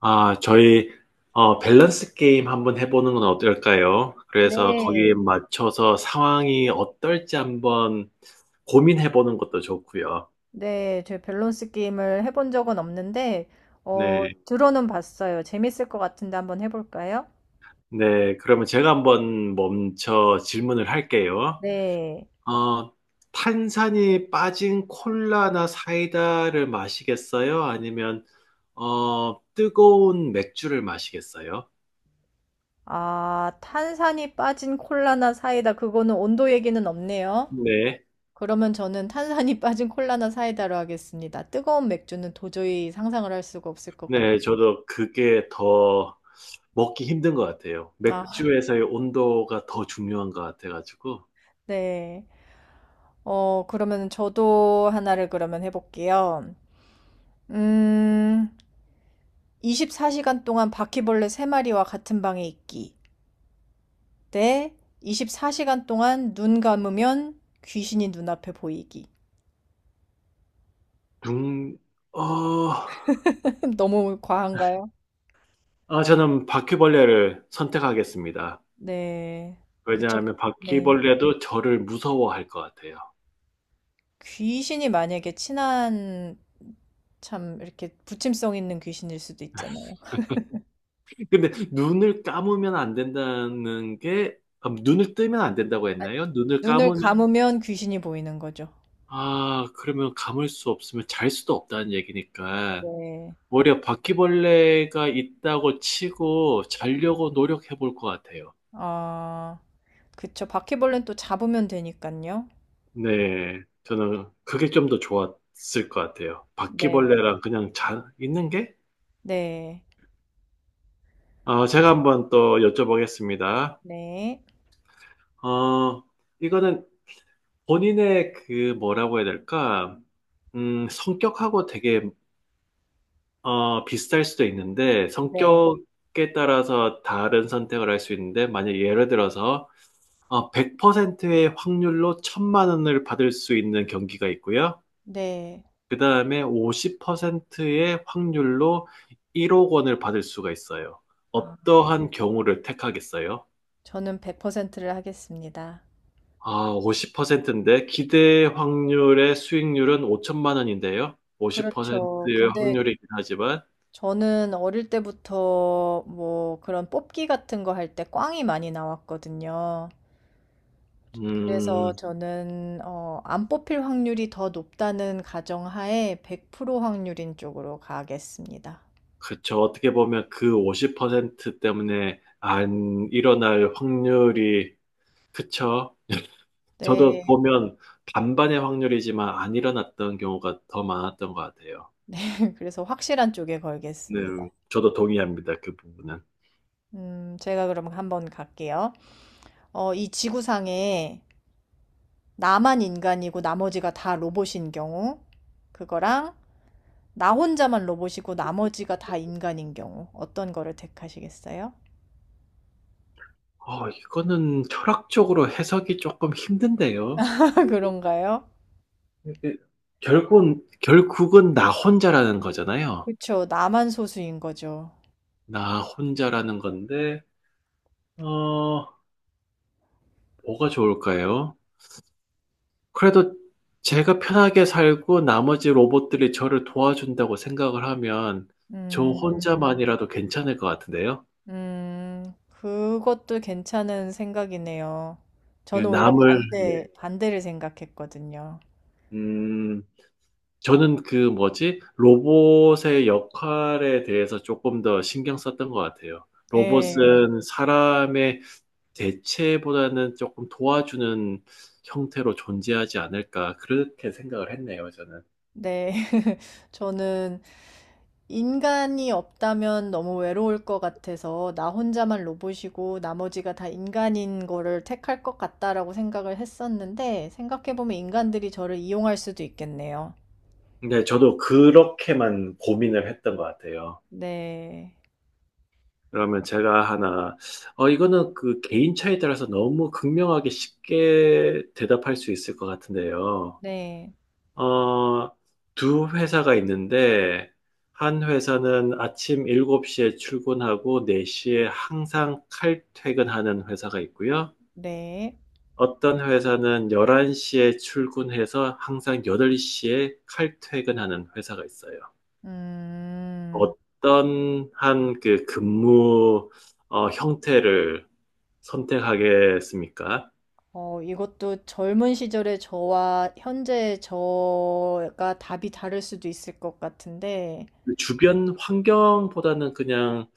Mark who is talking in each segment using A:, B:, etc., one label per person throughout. A: 아, 저희, 밸런스 게임 한번 해보는 건 어떨까요? 그래서 거기에
B: 네.
A: 맞춰서 상황이 어떨지 한번 고민해보는 것도 좋고요.
B: 네, 저 밸런스 게임을 해본 적은 없는데,
A: 네,
B: 들어는 봤어요. 재밌을 것 같은데 한번 해볼까요?
A: 네. 그러면 제가 한번 멈춰 질문을 할게요.
B: 네.
A: 어, 탄산이 빠진 콜라나 사이다를 마시겠어요? 아니면, 뜨거운 맥주를 마시겠어요?
B: 아, 탄산이 빠진 콜라나 사이다. 그거는 온도 얘기는 없네요.
A: 네.
B: 그러면 저는 탄산이 빠진 콜라나 사이다로 하겠습니다. 뜨거운 맥주는 도저히 상상을 할 수가 없을 것
A: 네,
B: 같아요.
A: 저도 그게 더 먹기 힘든 것 같아요.
B: 아,
A: 맥주에서의 온도가 더 중요한 것 같아가지고.
B: 네. 그러면 저도 하나를 그러면 해볼게요. 음, 24시간 동안 바퀴벌레 3마리와 같은 방에 있기. 때 24시간 동안 눈 감으면 귀신이 눈앞에 보이기.
A: 중, 어,
B: 너무 과한가요?
A: 아, 저는 바퀴벌레를 선택하겠습니다.
B: 네. 그쵸.
A: 왜냐하면
B: 네.
A: 바퀴벌레도 저를 무서워할 것 같아요.
B: 귀신이 만약에 친한 참 이렇게 부침성 있는 귀신일 수도 있잖아요.
A: 근데 눈을 감으면 안 된다는 게, 아, 눈을 뜨면 안 된다고
B: 아,
A: 했나요? 눈을
B: 눈을
A: 감으면,
B: 감으면 귀신이 보이는 거죠.
A: 아, 그러면 감을 수 없으면 잘 수도 없다는 얘기니까.
B: 네.
A: 오히려 바퀴벌레가 있다고 치고 자려고 노력해 볼 것 같아요.
B: 아, 그쵸. 바퀴벌레는 또 잡으면 되니까요.
A: 네, 저는 그게 좀 더 좋았을 것 같아요.
B: 네.
A: 바퀴벌레랑 그냥 있는 게?
B: 네.
A: 제가 한번 또 여쭤보겠습니다.
B: 네.
A: 어, 이거는 본인의 그 뭐라고 해야 될까? 성격하고 되게 비슷할 수도 있는데
B: 네.
A: 성격에 따라서 다른 선택을 할 수 있는데 만약 예를 들어서 100%의 확률로 천만 원을 받을 수 있는 경기가 있고요.
B: 네.
A: 그 다음에 50%의 확률로 1억 원을 받을 수가 있어요.
B: 아,
A: 어떠한 경우를 택하겠어요?
B: 저는 100%를 하겠습니다.
A: 아, 50%인데 기대 확률의 수익률은 5천만 원인데요.
B: 그렇죠.
A: 50%의
B: 근데
A: 확률이긴 하지만,
B: 저는 어릴 때부터 뭐 그런 뽑기 같은 거 할 때 꽝이 많이 나왔거든요.
A: 음,
B: 그래서 저는 안 뽑힐 확률이 더 높다는 가정하에 100% 확률인 쪽으로 가겠습니다.
A: 그쵸. 어떻게 보면 그 50% 때문에 안 일어날 확률이, 그쵸. 저도
B: 네.
A: 보면 반반의 확률이지만 안 일어났던 경우가 더 많았던 것 같아요.
B: 그래서 확실한 쪽에
A: 네,
B: 걸겠습니다.
A: 저도 동의합니다. 그 부분은.
B: 제가 그럼 한번 갈게요. 이 지구상에 나만 인간이고 나머지가 다 로봇인 경우, 그거랑 나 혼자만 로봇이고 나머지가 다 인간인 경우 어떤 거를 택하시겠어요?
A: 이거는 철학적으로 해석이 조금 힘든데요.
B: 그런가요?
A: 이게 결국은 나 혼자라는 거잖아요.
B: 그쵸. 나만 소수인 거죠.
A: 나 혼자라는 건데, 어, 뭐가 좋을까요? 그래도 제가 편하게 살고 나머지 로봇들이 저를 도와준다고 생각을 하면 저
B: 음,
A: 혼자만이라도 괜찮을 것 같은데요.
B: 음, 그것도 괜찮은 생각이네요.
A: 예,
B: 저는 오히려
A: 네,
B: 반대를 생각했거든요.
A: 음, 저는 그 뭐지? 로봇의 역할에 대해서 조금 더 신경 썼던 것 같아요.
B: 예,
A: 로봇은 사람의 대체보다는 조금 도와주는 형태로 존재하지 않을까, 그렇게 생각을 했네요, 저는.
B: 네. 저는 인간이 없다면 너무 외로울 것 같아서 나 혼자만 로봇이고 나머지가 다 인간인 거를 택할 것 같다라고 생각을 했었는데 생각해보면 인간들이 저를 이용할 수도 있겠네요.
A: 근데 저도 그렇게만 고민을 했던 것 같아요.
B: 네,
A: 그러면 제가 하나, 이거는 그 개인 차에 따라서 너무 극명하게 쉽게 대답할 수 있을 것 같은데요.
B: 네,
A: 어, 두 회사가 있는데, 한 회사는 아침 7시에 출근하고 4시에 항상 칼퇴근하는 회사가 있고요.
B: 네.
A: 어떤 회사는 11시에 출근해서 항상 8시에 칼퇴근하는 회사가 있어요.
B: 음,
A: 어떤 한 그 근무 형태를 선택하겠습니까?
B: 이것도 젊은 시절의 저와 현재의 저가 답이 다를 수도 있을 것 같은데,
A: 그 주변 환경보다는 그냥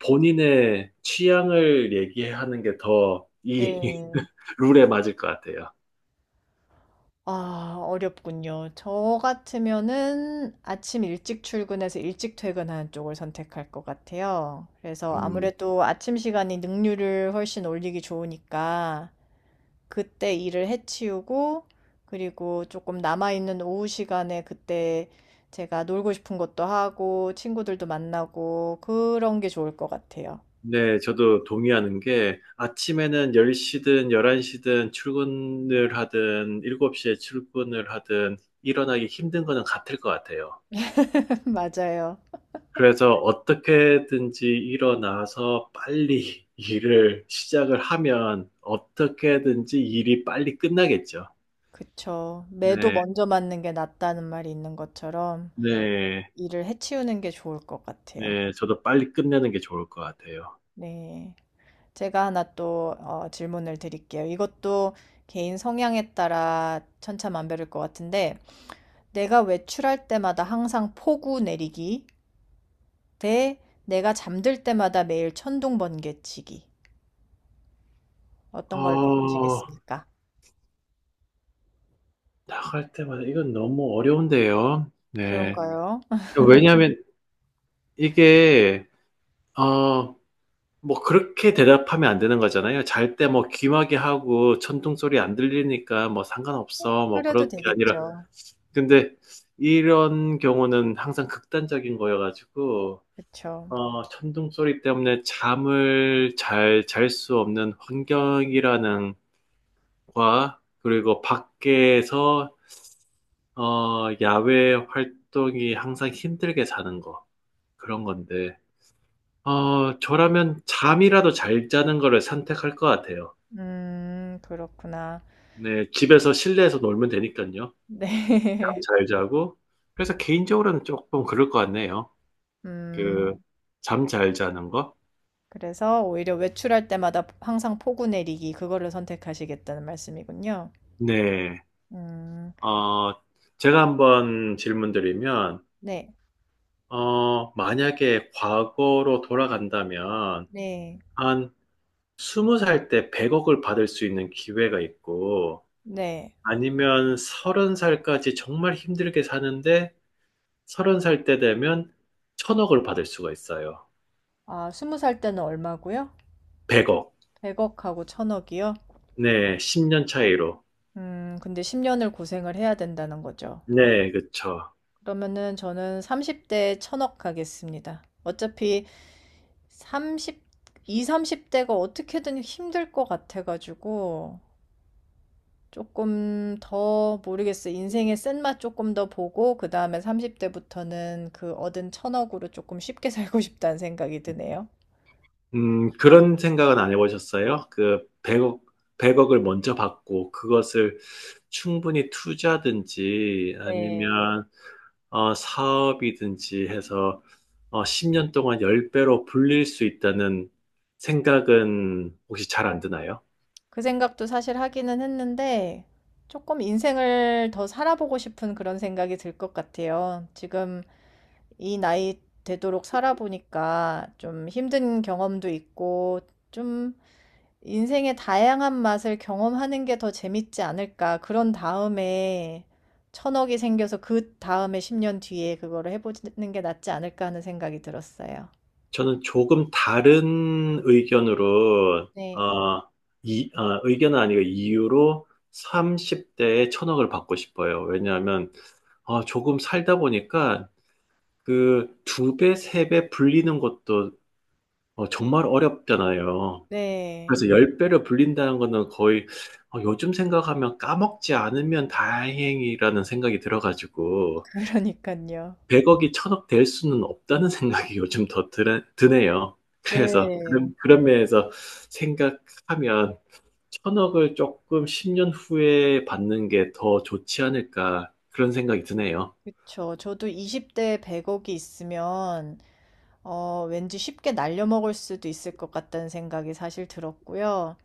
A: 본인의 취향을 얘기하는 게 더 이
B: 네.
A: 룰에 맞을 것 같아요.
B: 아, 어렵군요. 저 같으면은 아침 일찍 출근해서 일찍 퇴근하는 쪽을 선택할 것 같아요. 그래서
A: 음,
B: 아무래도 아침 시간이 능률을 훨씬 올리기 좋으니까 그때 일을 해치우고 그리고 조금 남아있는 오후 시간에 그때 제가 놀고 싶은 것도 하고 친구들도 만나고 그런 게 좋을 것 같아요.
A: 네, 저도 동의하는 게 아침에는 10시든 11시든 출근을 하든 7시에 출근을 하든 일어나기 힘든 거는 같을 것 같아요.
B: 맞아요.
A: 그래서 어떻게든지 일어나서 빨리 일을 시작을 하면 어떻게든지 일이 빨리 끝나겠죠.
B: 그쵸. 매도
A: 네,
B: 먼저 맞는 게 낫다는 말이 있는 것처럼.
A: 네.
B: 일을 해치우는 게 좋을 것 같아요.
A: 네, 저도 빨리 끝내는 게 좋을 것 같아요.
B: 네. 제가 하나 또 질문을 드릴게요. 이것도 개인 성향에 따라 천차만별일 것 같은데, 내가 외출할 때마다 항상 폭우 내리기 대 내가 잠들 때마다 매일 천둥 번개 치기. 어떤 걸
A: 어,
B: 택하시겠습니까?
A: 나갈 때마다 이건 너무 어려운데요. 네.
B: 그런가요?
A: 왜냐하면 이게, 어, 뭐 그렇게 대답하면 안 되는 거잖아요. 잘 때 뭐 귀마개 하고 천둥 소리 안 들리니까 뭐 상관없어. 뭐
B: 그래도
A: 그렇게 아니라.
B: 되겠죠.
A: 근데 이런 경우는 항상 극단적인 거여가지고,
B: 그쵸.
A: 천둥 소리 때문에 잠을 잘 잘 수 없는 환경이라는 과 그리고 밖에서 야외 활동이 항상 힘들게 자는 거 그런 건데 저라면 잠이라도 잘 자는 거를 선택할 것 같아요.
B: 그렇구나.
A: 네, 집에서 실내에서 놀면 되니까요. 잠
B: 네.
A: 잘 자고 그래서 개인적으로는 조금 그럴 것 같네요. 그
B: 음.
A: 잠 잘 자는 거.
B: 그래서 오히려 외출할 때마다 항상 포구 내리기 그거를 선택하시겠다는 말씀이군요.
A: 네,
B: 음.
A: 어, 제가 한번 질문드리면
B: 네.
A: 만약에 과거로 돌아간다면
B: 네.
A: 한 20살 때 100억을 받을 수 있는 기회가 있고,
B: 네.
A: 아니면 서른 살까지 정말 힘들게 사는데, 30살 때 되면 천억을 받을 수가 있어요.
B: 아, 20살 때는 얼마고요?
A: 100억.
B: 100억 하고 1,000억 이요?
A: 네, 10년 차이로.
B: 근데 10 년을 고생을 해야 된다는 거죠.
A: 네, 그쵸.
B: 그러면은 저는 30 대에 1,000억 하겠습니다. 어차피 삼십 20-30 대가 어떻게든 힘들 것 같아 가지고 조금 더 모르겠어. 요 인생의 쓴맛 조금 더 보고 그 다음에 30대부터는 그 얻은 1,000억으로 조금 쉽게 살고 싶다는 생각이 드네요.
A: 그런 생각은 안 해보셨어요? 100억을 먼저 받고 그것을 충분히 투자든지
B: 네.
A: 아니면 사업이든지 해서 10년 동안 10배로 불릴 수 있다는 생각은 혹시 잘 안 드나요?
B: 그 생각도 사실 하기는 했는데 조금 인생을 더 살아보고 싶은 그런 생각이 들 것 같아요. 지금 이 나이 되도록 살아보니까 좀 힘든 경험도 있고 좀 인생의 다양한 맛을 경험하는 게 더 재밌지 않을까. 그런 다음에 1,000억이 생겨서 그 다음에 10년 뒤에 그거를 해보는 게 낫지 않을까 하는 생각이 들었어요.
A: 저는 조금 다른 의견으로
B: 네.
A: 의견은 아니고 이유로 30대에 천억을 받고 싶어요. 왜냐하면 조금 살다 보니까 그 2배, 3배 불리는 것도 정말 어렵잖아요.
B: 네.
A: 그래서 열 배를 불린다는 거는 거의 요즘 생각하면 까먹지 않으면 다행이라는 생각이 들어가지고
B: 그러니까요.
A: 100억이 1억될 수는 없다는 생각이 요즘 더 드네요. 그래서
B: 네.
A: 그런 면에서 생각하면 1억을 조금 10년 후에 받는 게 더 좋지 않을까 그런 생각이 드네요.
B: 그쵸. 저도 20대에 100억이 있으면, 왠지 쉽게 날려먹을 수도 있을 것 같다는 생각이 사실 들었고요.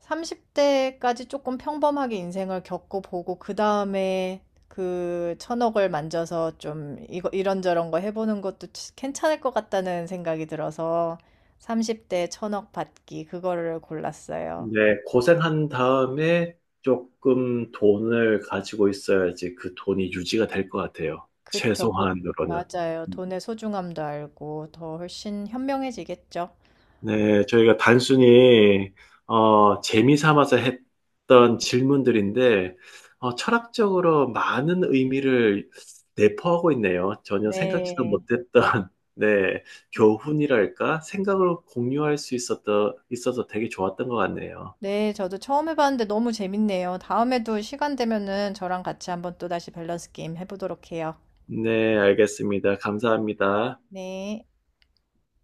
B: 30대까지 조금 평범하게 인생을 겪어보고 그 다음에 그 1,000억을 만져서 좀 이거 이런저런 거 해보는 것도 괜찮을 것 같다는 생각이 들어서 30대 1,000억 받기 그거를 골랐어요.
A: 네, 고생한 다음에 조금 돈을 가지고 있어야지 그 돈이 유지가 될 것 같아요.
B: 그쵸, 돈-
A: 최소한으로는.
B: 맞아요. 돈의 소중함도 알고 더 훨씬 현명해지겠죠.
A: 네, 저희가 단순히 재미 삼아서 했던 질문들인데 철학적으로 많은 의미를 내포하고 있네요. 전혀 생각지도
B: 네.
A: 못했던 네, 교훈이랄까? 생각을 공유할 수 있었던, 있어서 되게 좋았던 것 같네요.
B: 네, 저도 처음 해봤는데 너무 재밌네요. 다음에도 시간 되면은 저랑 같이 한번 또 다시 밸런스 게임 해보도록 해요.
A: 네, 알겠습니다. 감사합니다.
B: 네.